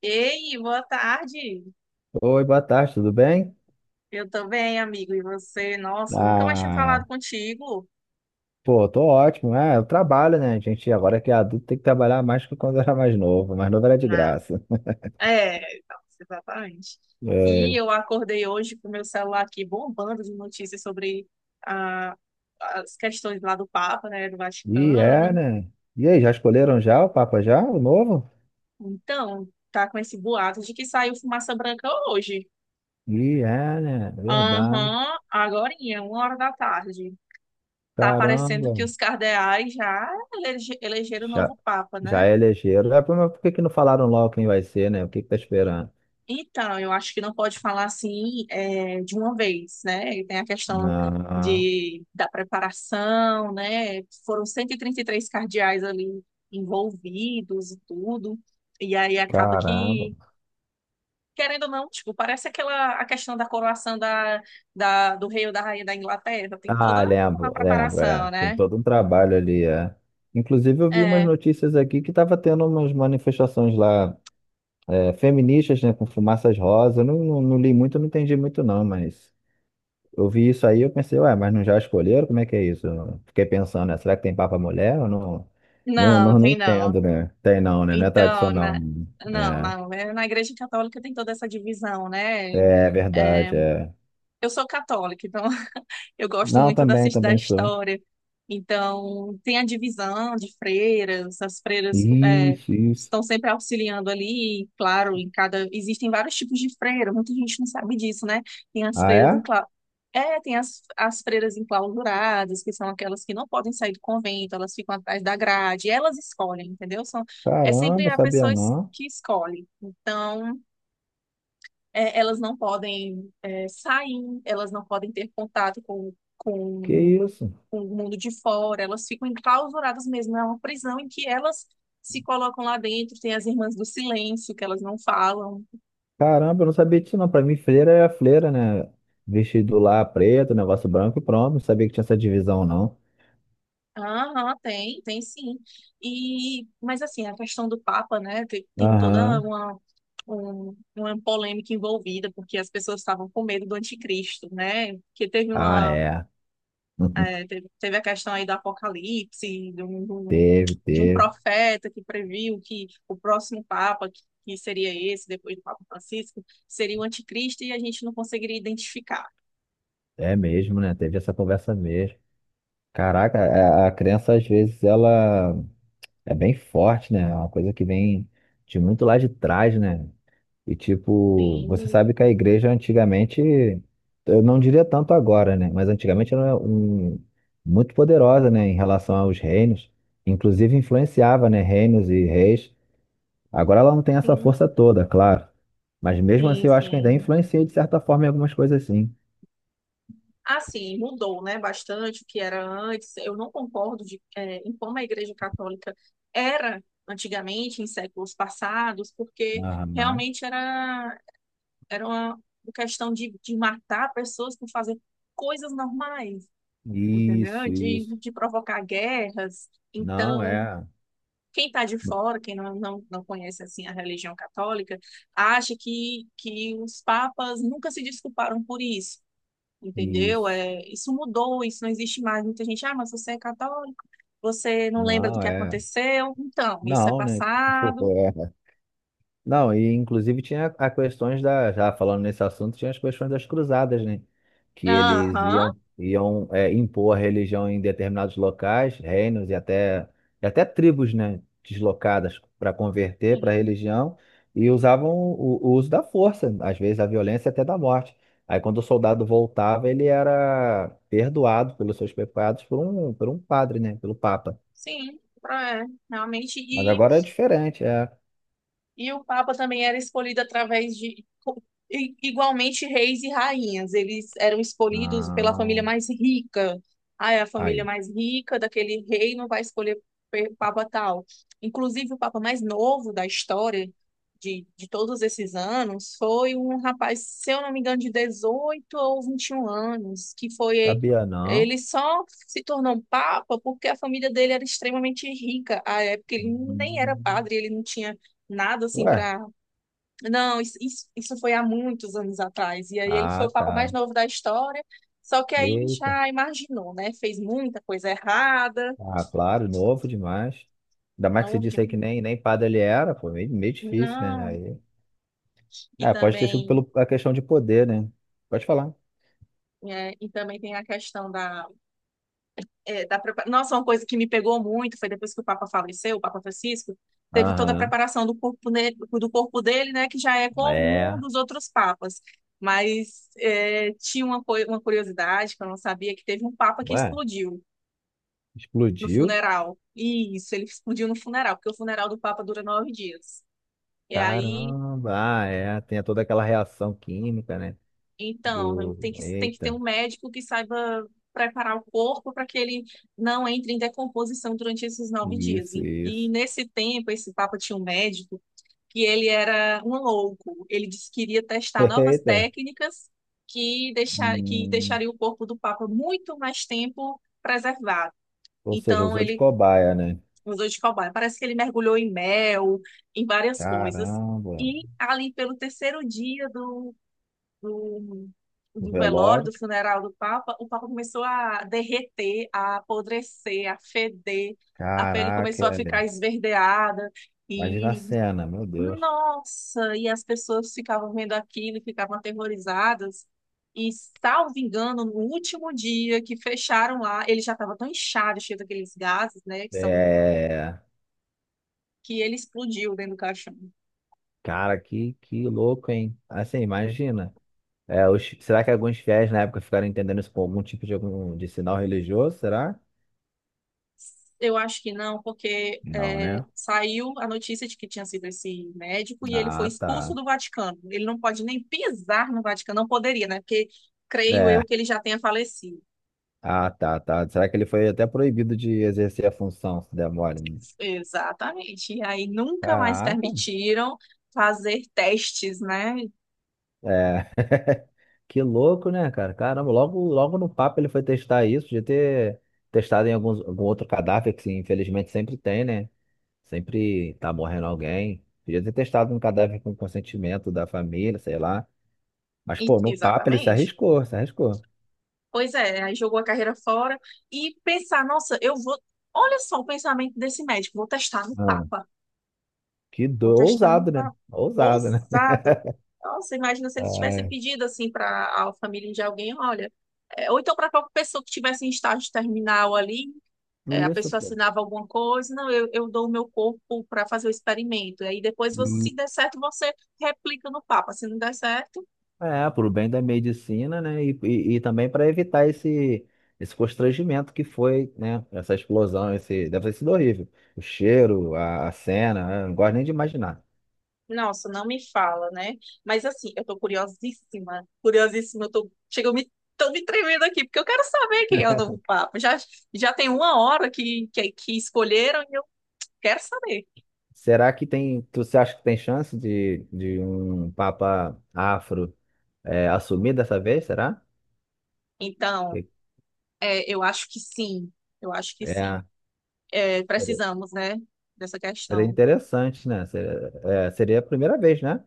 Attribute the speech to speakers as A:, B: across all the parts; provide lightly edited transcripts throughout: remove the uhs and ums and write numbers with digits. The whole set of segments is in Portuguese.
A: Ei, boa tarde.
B: Oi, boa tarde, tudo bem?
A: Eu tô bem, amigo. E você? Nossa, nunca mais tinha falado
B: Ah,
A: contigo.
B: Pô, tô ótimo, né? Eu trabalho, né? A gente agora que é adulto tem que trabalhar mais que quando era mais novo. Mais novo era de
A: Não.
B: graça.
A: É, nossa, exatamente.
B: É,
A: E eu acordei hoje com o meu celular aqui bombando de notícias sobre ah, as questões lá do Papa, né, do
B: e é,
A: Vaticano.
B: né? E aí, já escolheram já o Papa já, o novo?
A: Então, tá com esse boato de que saiu fumaça branca hoje.
B: E é, né? Verdade.
A: Aham, agorinha, 13h. Tá parecendo
B: Caramba.
A: que os cardeais já elegeram o
B: Já,
A: novo Papa, né?
B: já é elegeram. É, mas por que que não falaram logo quem vai ser, né? O que que tá esperando?
A: Então, eu acho que não pode falar assim de uma vez, né? E tem a questão
B: Ah,
A: da preparação, né? Foram cento e trinta e três cardeais ali envolvidos e tudo. E aí acaba
B: caramba.
A: que, querendo ou não, tipo, parece aquela a questão da coroação do rei ou da rainha da Inglaterra. Tem
B: Ah,
A: toda uma
B: lembro, lembro,
A: preparação,
B: é. Tem
A: né?
B: todo um trabalho ali, é. Inclusive, eu vi umas
A: É,
B: notícias aqui que estava tendo umas manifestações lá, é, feministas, né, com fumaças rosa. Eu Não, não li muito, não entendi muito, não, mas eu vi isso aí, eu pensei, ué, mas não já escolheram? Como é que é isso? Eu fiquei pensando, né, será que tem papa mulher? Eu não, não,
A: não,
B: não, não
A: tem não.
B: entendo, né? Tem não, né? Não é
A: Então,
B: tradicional, né?
A: não, não. Na Igreja Católica tem toda essa divisão, né?
B: É, é
A: É,
B: verdade, é.
A: eu sou católica, então eu gosto
B: Não,
A: muito
B: também,
A: da
B: também sou.
A: história. Então, tem a divisão de freiras, as freiras
B: Isso, isso.
A: estão sempre auxiliando ali, e, claro, em cada. Existem vários tipos de freira, muita gente não sabe disso, né? Tem as
B: Ah,
A: freiras
B: é?
A: tem as freiras enclausuradas, que são aquelas que não podem sair do convento, elas ficam atrás da grade, elas escolhem, entendeu? São... É sempre
B: Caramba,
A: a
B: sabia
A: pessoa
B: não.
A: que escolhe. Então, elas não podem sair, elas não podem ter contato
B: Que isso?
A: com o mundo de fora, elas ficam enclausuradas mesmo. É uma prisão em que elas se colocam lá dentro. Tem as irmãs do silêncio, que elas não falam.
B: Caramba, eu não sabia disso não. Pra mim, freira é a freira, né? Vestido lá preto, negócio branco e pronto. Não sabia que tinha essa divisão, não.
A: Aham, tem sim. E, mas assim, a questão do Papa, né, tem toda
B: Aham.
A: uma polêmica envolvida, porque as pessoas estavam com medo do anticristo, né? Porque
B: Ah, é.
A: É, teve a questão aí do apocalipse,
B: Teve,
A: de um
B: teve.
A: profeta que previu que o próximo Papa, que seria esse, depois do Papa Francisco, seria o anticristo e a gente não conseguiria identificar.
B: É mesmo, né? Teve essa conversa mesmo. Caraca, a criança às vezes ela é bem forte, né? É uma coisa que vem de muito lá de trás, né? E tipo, você
A: Sim,
B: sabe que a igreja antigamente, eu não diria tanto agora, né? Mas antigamente era um, muito poderosa, né? Em relação aos reinos, inclusive influenciava, né? Reinos e reis. Agora ela não tem essa
A: sim,
B: força toda, claro. Mas mesmo
A: sim,
B: assim, eu acho que ainda
A: sim.
B: influencia de certa forma em algumas coisas, sim.
A: Assim, mudou, né, bastante o que era antes. Eu não concordo em como a Igreja Católica era antigamente, em séculos passados, porque
B: Aham.
A: realmente era uma questão de matar pessoas por fazer coisas normais, entendeu?
B: Isso, isso.
A: De provocar guerras.
B: Não
A: Então,
B: é.
A: quem está de fora, quem não conhece assim a religião católica, acha que os papas nunca se desculparam por isso, entendeu?
B: Isso.
A: É, isso mudou, isso não existe mais. Muita gente, mas você é católico, você não lembra do
B: Não
A: que
B: é.
A: aconteceu, então, isso é
B: Não, né? Tipo,
A: passado.
B: é. Não, e inclusive tinha a questões da, já falando nesse assunto, tinha as questões das cruzadas, né? Que eles
A: Aham,
B: iam é, impor a religião em determinados locais, reinos e até tribos, né? Deslocadas para converter para a
A: sim,
B: religião e usavam o uso da força, às vezes a violência até da morte. Aí quando o soldado voltava, ele era perdoado pelos seus pecados por um padre, né? Pelo Papa.
A: sim, é, realmente.
B: Mas agora é diferente, é.
A: E o Papa também era escolhido através igualmente, reis e rainhas. Eles eram escolhidos pela família
B: Não,
A: mais rica. Ah, é a família
B: aí.
A: mais rica daquele rei não vai escolher Papa tal. Inclusive, o Papa mais novo da história de todos esses anos foi um rapaz, se eu não me engano, de 18 ou 21 anos, que foi.
B: Sabia não.
A: Ele só se tornou um papa porque a família dele era extremamente rica. À época, ele nem era
B: Hum.
A: padre, ele não tinha nada assim
B: Ué,
A: pra. Não, isso foi há muitos anos atrás. E aí ele foi
B: ah,
A: o papa mais
B: tá.
A: novo da história. Só que aí
B: Eita,
A: já imaginou, né? Fez muita coisa errada.
B: ah, claro, novo demais. Ainda mais que você
A: Novo de...
B: disse aí que nem, nem padre ele era, pô, meio, meio difícil, né?
A: Não.
B: Aí,
A: E
B: é, pode ter sido
A: também.
B: pela a questão de poder, né? Pode falar.
A: E também tem a questão da, é, da prepa- Nossa, uma coisa que me pegou muito foi depois que o Papa faleceu, o Papa Francisco, teve toda a
B: Aham,
A: preparação do corpo dele, né, que já é comum
B: é.
A: dos outros papas. Mas tinha uma curiosidade que eu não sabia, que teve um papa que
B: Ué,
A: explodiu. No
B: explodiu?
A: funeral. Isso, ele explodiu no funeral, porque o funeral do Papa dura 9 dias. E aí,
B: Caramba, ah, é. Tem toda aquela reação química, né?
A: então,
B: Do.
A: tem que ter um
B: Eita,
A: médico que saiba preparar o corpo para que ele não entre em decomposição durante esses 9 dias.
B: isso,
A: E
B: isso.
A: nesse tempo, esse Papa tinha um médico que ele era um louco. Ele disse que iria testar novas
B: Eita.
A: técnicas que
B: Hum,
A: deixaria o corpo do Papa muito mais tempo preservado.
B: Ou seja,
A: Então,
B: usou de
A: ele
B: cobaia, né?
A: Museu de Cobaia. Parece que ele mergulhou em mel, em várias coisas.
B: Caramba,
A: E ali pelo terceiro dia do,
B: o velório.
A: do funeral do Papa, o Papa começou a derreter, a apodrecer, a feder, a pele
B: Caraca,
A: começou a ficar
B: velho.
A: esverdeada.
B: Imagina a
A: E,
B: cena, meu Deus.
A: Nossa, e as pessoas ficavam vendo aquilo e ficavam aterrorizadas. E, salvo engano, no último dia que fecharam lá, ele já estava tão inchado, cheio daqueles gases, né,
B: É,
A: que ele explodiu dentro do caixão.
B: cara, que louco, hein? Assim, imagina. É, os- será que alguns fiéis na época ficaram entendendo isso como algum tipo de, algum, de sinal religioso? Será?
A: Eu acho que não, porque
B: Não, né?
A: saiu a notícia de que tinha sido esse médico e ele foi
B: Ah,
A: expulso
B: tá.
A: do Vaticano. Ele não pode nem pisar no Vaticano, não poderia, né? Porque creio
B: É,
A: eu que ele já tenha falecido.
B: ah, tá, tá. Será que ele foi até proibido de exercer a função, se der mole? Né?
A: Exatamente. E aí nunca mais
B: Caraca,
A: permitiram fazer testes, né?
B: é. Que louco, né, cara? Caramba, logo, logo no papo ele foi testar isso, de ter testado em alguns, algum outro cadáver, que infelizmente sempre tem, né? Sempre tá morrendo alguém. Podia ter testado um cadáver com consentimento da família, sei lá. Mas, pô, no papo ele se
A: Exatamente.
B: arriscou, se arriscou.
A: Pois é, aí jogou a carreira fora e pensar, nossa, eu vou. Olha só o pensamento desse médico, vou testar no
B: Não,
A: Papa.
B: que
A: Vou
B: do...
A: testar um
B: ousado, né?
A: pa-
B: Ousado, né?
A: Ousado. Nossa, imagina se ele tivesse
B: Ai,
A: pedido assim para a família de alguém, olha, ou então para a própria pessoa que tivesse em estágio terminal ali, a
B: isso,
A: pessoa
B: pô.
A: assinava alguma coisa, não, eu dou o meu corpo para fazer o experimento. E aí depois, você, se der certo, você replica no Papa. Se não der certo,
B: É, pro bem da medicina, né? E também para evitar esse, esse constrangimento que foi, né? Essa explosão, esse... deve ter sido horrível. O cheiro, a cena, né? Não gosto nem de imaginar.
A: nossa, não me fala, né? Mas assim, eu tô curiosíssima, curiosíssima, chega, tô me tremendo aqui, porque eu quero saber quem é o novo Papa. Já tem uma hora que escolheram, quero saber.
B: Será que tem. Tu, você acha que tem chance de um papa afro? É, assumir dessa vez, será?
A: Então,
B: É,
A: eu acho que sim, eu acho que sim.
B: é,
A: É,
B: Seria,
A: precisamos, né, dessa
B: seria
A: questão,
B: interessante, né? Seria, é, seria a primeira vez, né?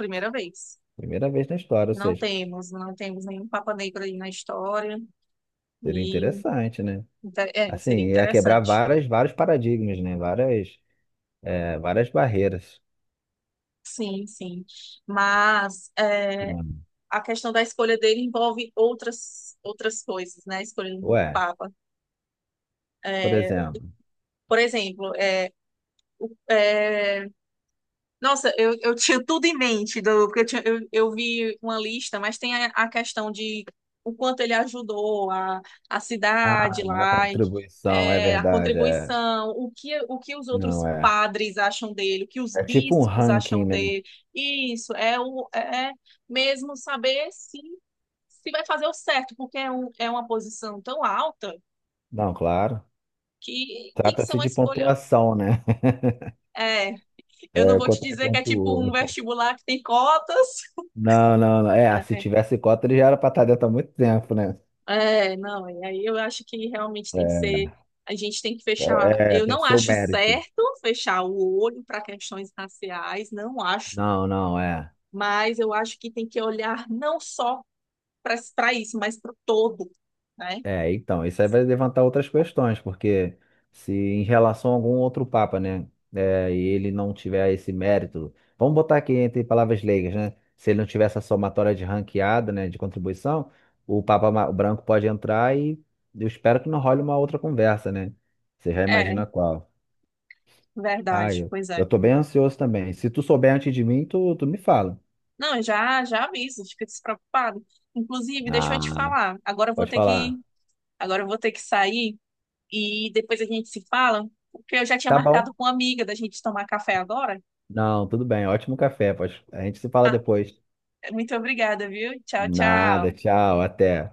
A: primeira vez.
B: Primeira vez na história, ou seja,
A: Não temos nenhum Papa Negro aí na história,
B: seria
A: e
B: interessante, né? Assim,
A: seria
B: ia quebrar
A: interessante.
B: várias, vários paradigmas, né? Várias, é, várias barreiras.
A: Sim, sim. Mas
B: Hum.
A: a questão da escolha dele envolve outras coisas, né? A escolha do novo
B: Ué,
A: Papa.
B: por exemplo,
A: Por exemplo, é, nossa, eu tinha tudo em mente, porque eu vi uma lista, mas tem a questão de o quanto ele ajudou a cidade
B: ah, a
A: lá, e,
B: contribuição é
A: a
B: verdade, é.
A: contribuição, o que os outros
B: Não é.
A: padres acham dele, o que os
B: É tipo um
A: bispos
B: ranking,
A: acham
B: né?
A: dele. Isso, é, o, é é mesmo saber se vai fazer o certo, porque uma posição tão alta
B: Não, claro.
A: que tem que ser
B: Trata-se
A: uma
B: de
A: escolha.
B: pontuação, né?
A: É, eu não
B: É,
A: vou te
B: quanto que
A: dizer que é tipo um
B: pontuou.
A: vestibular que tem cotas.
B: Não, não, não. É, se tivesse cota, ele já era pra estar dentro há muito tempo, né?
A: É, não, e aí eu acho que realmente tem que
B: É,
A: ser, a gente tem que fechar,
B: é,
A: eu
B: tem
A: não
B: que ser o
A: acho
B: mérito.
A: certo fechar o olho para questões raciais, não acho,
B: Não, não, é.
A: mas eu acho que tem que olhar não só para isso, mas para o todo, né?
B: É, então, isso aí vai levantar outras questões, porque se em relação a algum outro papa, né, é, e ele não tiver esse mérito, vamos botar aqui entre palavras leigas, né? Se ele não tiver essa somatória de ranqueada, né, de contribuição, o papa ma- branco pode entrar e eu espero que não role uma outra conversa, né? Você já
A: É,
B: imagina qual. Ah,
A: verdade,
B: eu,
A: pois
B: eu
A: é.
B: tô bem ansioso também. Se tu souber antes de mim, tu me fala.
A: Não, eu já já aviso, fica despreocupado. Inclusive, deixa eu te
B: Ah,
A: falar,
B: pode falar.
A: agora eu vou ter que sair e depois a gente se fala, porque eu já tinha
B: Tá bom?
A: marcado com uma amiga da gente tomar café agora.
B: Não, tudo bem. Ótimo café. Pode... A gente se fala depois.
A: Muito obrigada, viu? Tchau,
B: Nada,
A: tchau.
B: tchau, até.